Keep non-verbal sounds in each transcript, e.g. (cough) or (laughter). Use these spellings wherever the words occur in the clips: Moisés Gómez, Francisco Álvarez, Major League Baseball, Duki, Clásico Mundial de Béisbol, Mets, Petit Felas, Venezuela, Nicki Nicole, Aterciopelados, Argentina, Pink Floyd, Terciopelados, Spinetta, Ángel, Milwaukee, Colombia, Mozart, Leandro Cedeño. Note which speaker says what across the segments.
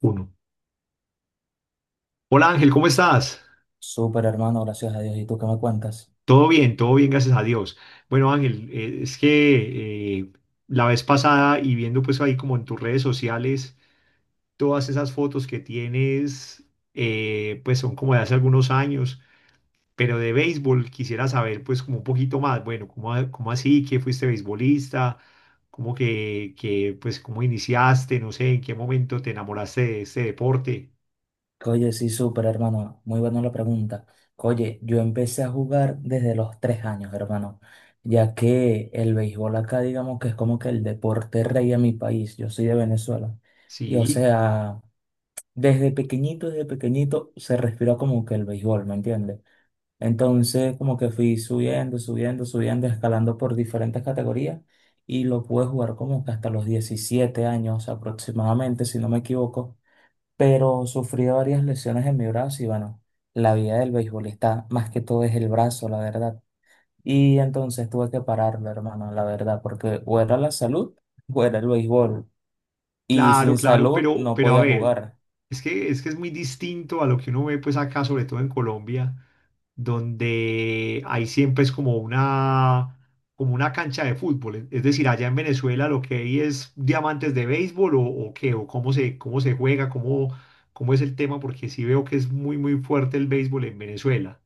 Speaker 1: Uno. Hola Ángel, ¿cómo estás?
Speaker 2: Súper hermano, gracias a Dios. ¿Y tú qué me cuentas?
Speaker 1: Todo bien, gracias a Dios. Bueno Ángel, es que la vez pasada y viendo pues ahí como en tus redes sociales, todas esas fotos que tienes, pues son como de hace algunos años, pero de béisbol quisiera saber pues como un poquito más, bueno, ¿cómo, cómo así que fuiste beisbolista? ¿Cómo que pues cómo iniciaste? No sé, ¿en qué momento te enamoraste de este deporte?
Speaker 2: Oye, sí, súper hermano. Muy buena la pregunta. Oye, yo empecé a jugar desde los 3 años, hermano, ya que el béisbol acá, digamos que es como que el deporte rey en mi país. Yo soy de Venezuela. Y o
Speaker 1: Sí.
Speaker 2: sea, desde pequeñito se respira como que el béisbol, ¿me entiendes? Entonces, como que fui subiendo, subiendo, subiendo, escalando por diferentes categorías y lo pude jugar como que hasta los 17 años aproximadamente, si no me equivoco. Pero sufrí varias lesiones en mi brazo y bueno, la vida del beisbolista más que todo es el brazo, la verdad. Y entonces tuve que pararlo, hermano, la verdad, porque o era la salud o era el béisbol. Y
Speaker 1: Claro,
Speaker 2: sin
Speaker 1: claro,
Speaker 2: salud
Speaker 1: pero,
Speaker 2: no
Speaker 1: a
Speaker 2: podía
Speaker 1: ver,
Speaker 2: jugar.
Speaker 1: es que es muy distinto a lo que uno ve pues acá, sobre todo en Colombia, donde hay siempre es como una cancha de fútbol. Es decir, allá en Venezuela lo que hay es diamantes de béisbol o qué, o cómo se juega, cómo es el tema, porque sí veo que es muy, muy fuerte el béisbol en Venezuela.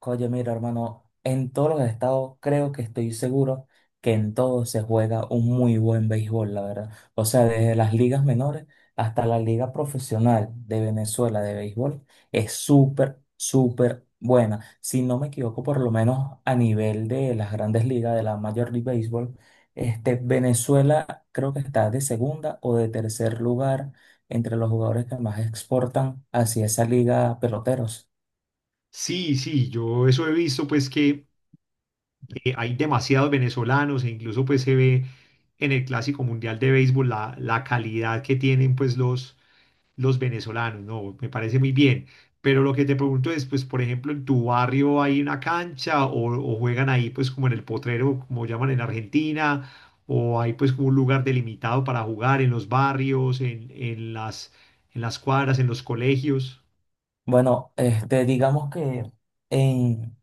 Speaker 2: Oye, mira, hermano, en todos los estados creo que estoy seguro que en todos se juega un muy buen béisbol, la verdad. O sea, desde las ligas menores hasta la liga profesional de Venezuela de béisbol es súper, súper buena. Si no me equivoco, por lo menos a nivel de las grandes ligas de la Major League Baseball, este, Venezuela creo que está de segunda o de tercer lugar entre los jugadores que más exportan hacia esa liga peloteros.
Speaker 1: Sí, sí, yo eso he visto pues que hay demasiados venezolanos e incluso pues se ve en el Clásico Mundial de Béisbol la calidad que tienen pues los venezolanos, ¿no? Me parece muy bien. Pero lo que te pregunto es, pues, por ejemplo, ¿en tu barrio hay una cancha o juegan ahí pues como en el potrero, como llaman en Argentina, o hay pues como un lugar delimitado para jugar en los barrios, en las cuadras, en los colegios?
Speaker 2: Bueno, este, digamos que en,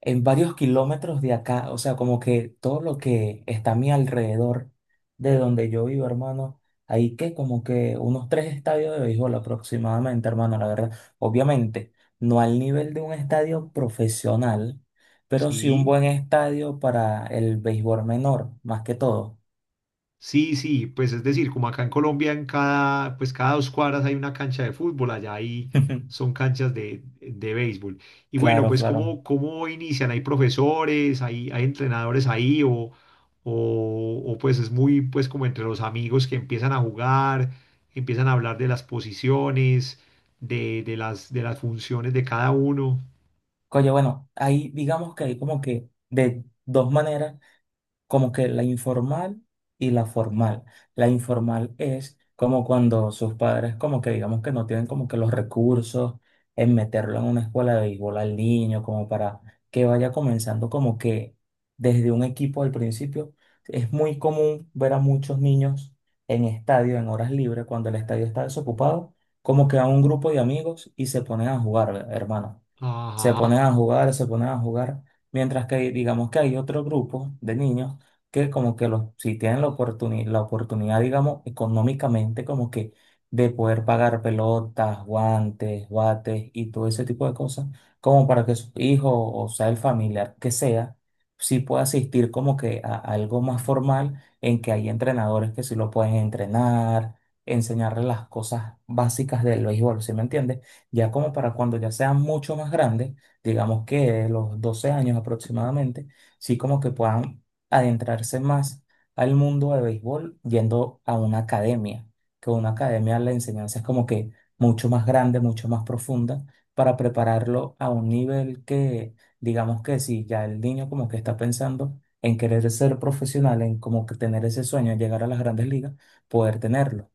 Speaker 2: en varios kilómetros de acá, o sea, como que todo lo que está a mi alrededor de donde yo vivo, hermano, hay que como que unos tres estadios de béisbol aproximadamente, hermano, la verdad. Obviamente, no al nivel de un estadio profesional, pero sí un
Speaker 1: Sí.
Speaker 2: buen estadio para el béisbol menor, más que todo.
Speaker 1: Sí, sí, pues es decir, como acá en Colombia, en cada, pues cada dos cuadras hay una cancha de fútbol, allá ahí son
Speaker 2: (laughs)
Speaker 1: canchas de béisbol. Y bueno,
Speaker 2: Claro,
Speaker 1: pues
Speaker 2: claro.
Speaker 1: cómo inician? ¿Hay profesores, hay entrenadores ahí o pues es muy pues como entre los amigos que empiezan a jugar, empiezan a hablar de las posiciones, de las funciones de cada uno?
Speaker 2: Oye, bueno, ahí digamos que hay como que de dos maneras como que la informal y la formal. La informal es como cuando sus padres como que digamos que no tienen como que los recursos en meterlo en una escuela de béisbol al niño, como para que vaya comenzando como que desde un equipo al principio. Es muy común ver a muchos niños en estadio, en horas libres, cuando el estadio está desocupado, como que a un grupo de amigos y se ponen a jugar, hermano se ponen
Speaker 1: Ajá.
Speaker 2: a jugar, se ponen a jugar, mientras que digamos que hay otro grupo de niños que como que los, si tienen la oportunidad, digamos, económicamente como que de poder pagar pelotas, guantes, bates y todo ese tipo de cosas, como para que su hijo o sea el familiar que sea, sí pueda asistir como que a algo más formal en que hay entrenadores que sí lo pueden entrenar, enseñarle las cosas básicas del béisbol, ¿sí me entiendes? Ya como para cuando ya sean mucho más grandes, digamos que los 12 años aproximadamente, sí como que puedan adentrarse más al mundo de béisbol yendo a una academia, que una academia la enseñanza es como que mucho más grande, mucho más profunda, para prepararlo a un nivel que, digamos que si ya el niño como que está pensando en querer ser profesional, en como que tener ese sueño, llegar a las grandes ligas, poder tenerlo.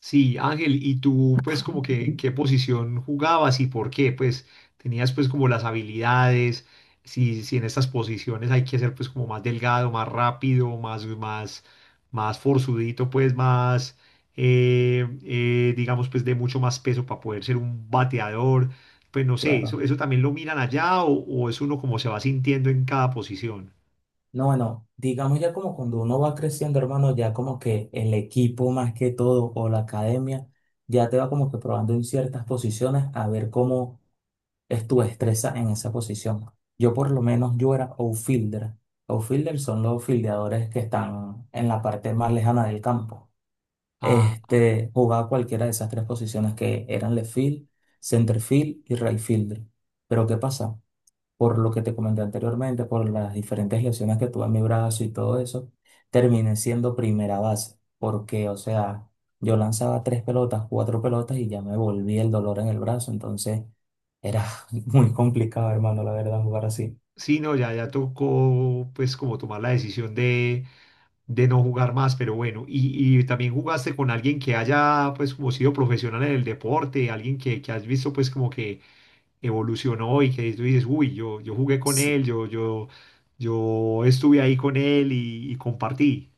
Speaker 1: Sí, Ángel, ¿y tú pues como que en qué posición jugabas y por qué? Pues tenías pues como las habilidades, si en estas posiciones hay que ser pues como más delgado, más rápido, más forzudito, pues más, digamos pues de mucho más peso para poder ser un bateador, pues no sé,
Speaker 2: Claro.
Speaker 1: eso también lo miran allá o es uno como se va sintiendo en cada posición.
Speaker 2: No, bueno, digamos ya como cuando uno va creciendo, hermano, ya como que el equipo más que todo o la academia ya te va como que probando en ciertas posiciones a ver cómo es tu destreza en esa posición. Yo por lo menos yo era outfielder. Outfielder son los fildeadores que están en la parte más lejana del campo.
Speaker 1: Ah,
Speaker 2: Este, jugaba cualquiera de esas tres posiciones que eran left field, center field y right fielder. Pero ¿qué pasa? Por lo que te comenté anteriormente, por las diferentes lesiones que tuve en mi brazo y todo eso, terminé siendo primera base, porque, o sea, yo lanzaba tres pelotas, cuatro pelotas y ya me volvía el dolor en el brazo, entonces era (laughs) muy complicado, hermano, la verdad, jugar así.
Speaker 1: sí, no, ya, ya tocó pues como tomar la decisión de no jugar más, pero bueno, y también jugaste con alguien que haya pues como sido profesional en el deporte, alguien que has visto pues como que evolucionó y que tú dices, uy, yo jugué con
Speaker 2: Sí,
Speaker 1: él, yo estuve ahí con él y compartí.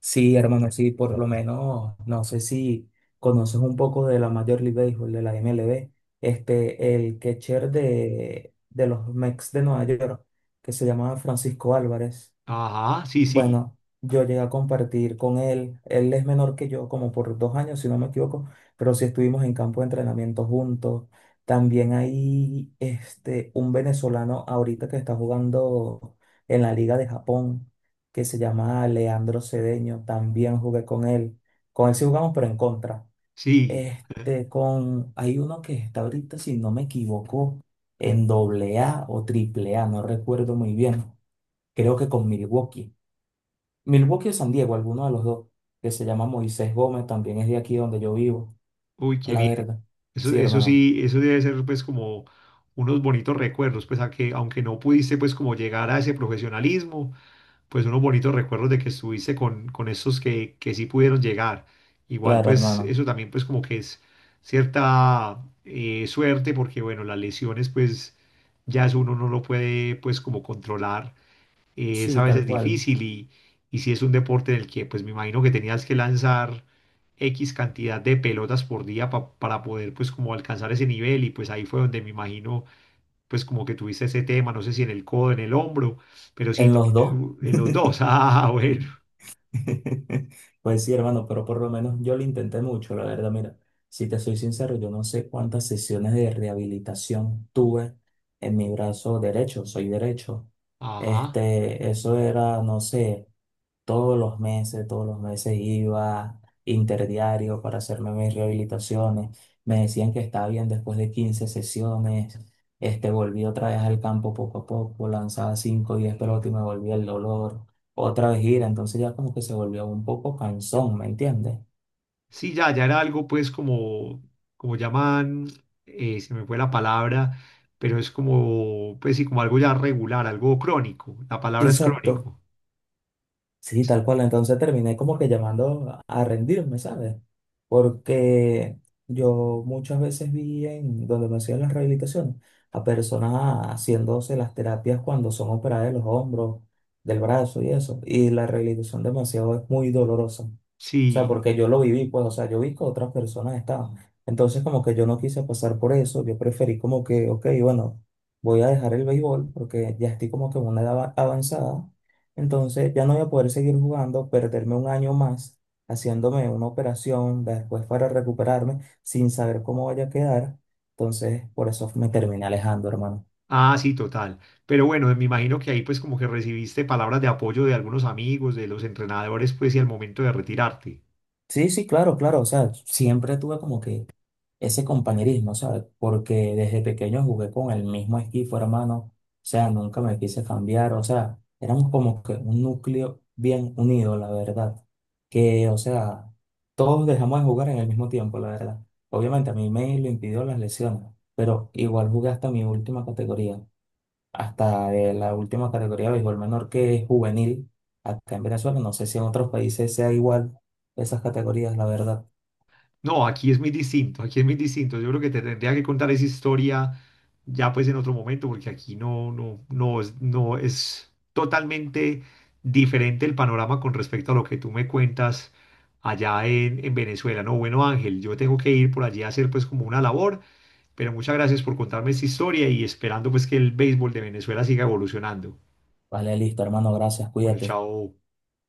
Speaker 2: sí, hermano, sí, por lo menos, no sé si conoces un poco de la Major League Baseball, de la MLB, este, el catcher de los Mets de Nueva York, que se llamaba Francisco Álvarez.
Speaker 1: Ajá, sí, sí,
Speaker 2: Bueno, yo llegué a compartir con él. Él es menor que yo, como por 2 años, si no me equivoco, pero sí estuvimos en campo de entrenamiento juntos. También hay este, un venezolano ahorita que está jugando en la Liga de Japón, que se llama Leandro Cedeño. También jugué con él. Con él sí jugamos, pero en contra.
Speaker 1: sí. (laughs)
Speaker 2: Este, con, hay uno que está ahorita, si no me equivoco, en doble A o triple A, no recuerdo muy bien. Creo que con Milwaukee. Milwaukee o San Diego, alguno de los dos, que se llama Moisés Gómez, también es de aquí donde yo vivo,
Speaker 1: Uy, qué
Speaker 2: la
Speaker 1: bien.
Speaker 2: verdad.
Speaker 1: Eso,
Speaker 2: Sí,
Speaker 1: eso
Speaker 2: hermano.
Speaker 1: sí, eso debe ser pues como unos bonitos recuerdos, pues aunque no pudiste pues como llegar a ese profesionalismo, pues unos bonitos recuerdos de que estuviste con estos que sí pudieron llegar. Igual,
Speaker 2: Claro,
Speaker 1: pues
Speaker 2: hermano.
Speaker 1: eso también pues como que es cierta suerte porque bueno, las lesiones pues ya es uno no lo puede pues como controlar. Es
Speaker 2: Sí,
Speaker 1: a
Speaker 2: tal
Speaker 1: veces
Speaker 2: cual.
Speaker 1: difícil y si es un deporte en el que pues me imagino que tenías que lanzar X cantidad de pelotas por día para poder pues como alcanzar ese nivel y pues ahí fue donde me imagino pues como que tuviste ese tema, no sé si en el codo, en el hombro, pero sí,
Speaker 2: En los dos.
Speaker 1: también en los dos. (laughs)
Speaker 2: (laughs)
Speaker 1: Ah, bueno.
Speaker 2: (laughs) Pues sí, hermano, pero por lo menos yo lo intenté mucho, la verdad, mira, si te soy sincero, yo no sé cuántas sesiones de rehabilitación tuve en mi brazo derecho, soy derecho.
Speaker 1: Ajá.
Speaker 2: Este, eso era, no sé, todos los meses iba interdiario para hacerme mis rehabilitaciones. Me decían que estaba bien después de 15 sesiones. Este, volví otra vez al campo poco a poco, lanzaba 5 o 10 pelotas y me volvía el dolor otra vez gira, entonces ya como que se volvió un poco cansón, ¿me entiendes?
Speaker 1: Sí, ya, ya era algo pues como, como llaman, se me fue la palabra, pero es como, pues sí, como algo ya regular, algo crónico. La palabra es
Speaker 2: Exacto.
Speaker 1: crónico.
Speaker 2: Sí, tal cual. Entonces terminé como que llamando a rendirme, ¿sabes? Porque yo muchas veces vi en donde me hacían las rehabilitaciones a personas haciéndose las terapias cuando son operadas de los hombros, del brazo y eso. Y la rehabilitación demasiado es muy dolorosa. O sea,
Speaker 1: Sí.
Speaker 2: porque yo lo viví, pues, o sea, yo vi que otras personas estaban. Entonces, como que yo no quise pasar por eso. Yo preferí como que, ok, bueno, voy a dejar el béisbol porque ya estoy como que en una edad avanzada entonces ya no voy a poder seguir jugando, perderme un año más haciéndome una operación después para recuperarme sin saber cómo vaya a quedar. Entonces por eso me terminé alejando, hermano.
Speaker 1: Ah, sí, total. Pero bueno, me imagino que ahí pues como que recibiste palabras de apoyo de algunos amigos, de los entrenadores, pues y al momento de retirarte.
Speaker 2: Sí, sí, claro, claro. O sea, siempre tuve como que ese compañerismo, ¿sabes? Porque desde pequeño jugué con el mismo equipo, hermano. O sea, nunca me quise cambiar. O sea, éramos como que un núcleo bien unido, la verdad. Que, o sea, todos dejamos de jugar en el mismo tiempo, la verdad. Obviamente a mí me lo impidió las lesiones, pero igual jugué hasta mi última categoría, hasta de la última categoría de béisbol menor que es juvenil acá en Venezuela. No sé si en otros países sea igual esas categorías, la verdad.
Speaker 1: No, aquí es muy distinto, aquí es muy distinto. Yo creo que te tendría que contar esa historia ya pues en otro momento, porque aquí no, no, no, no es totalmente diferente el panorama con respecto a lo que tú me cuentas allá en Venezuela. No, bueno, Ángel, yo tengo que ir por allí a hacer pues como una labor, pero muchas gracias por contarme esta historia y esperando pues que el béisbol de Venezuela siga evolucionando.
Speaker 2: Vale, listo, hermano, gracias,
Speaker 1: Bueno,
Speaker 2: cuídate.
Speaker 1: chao.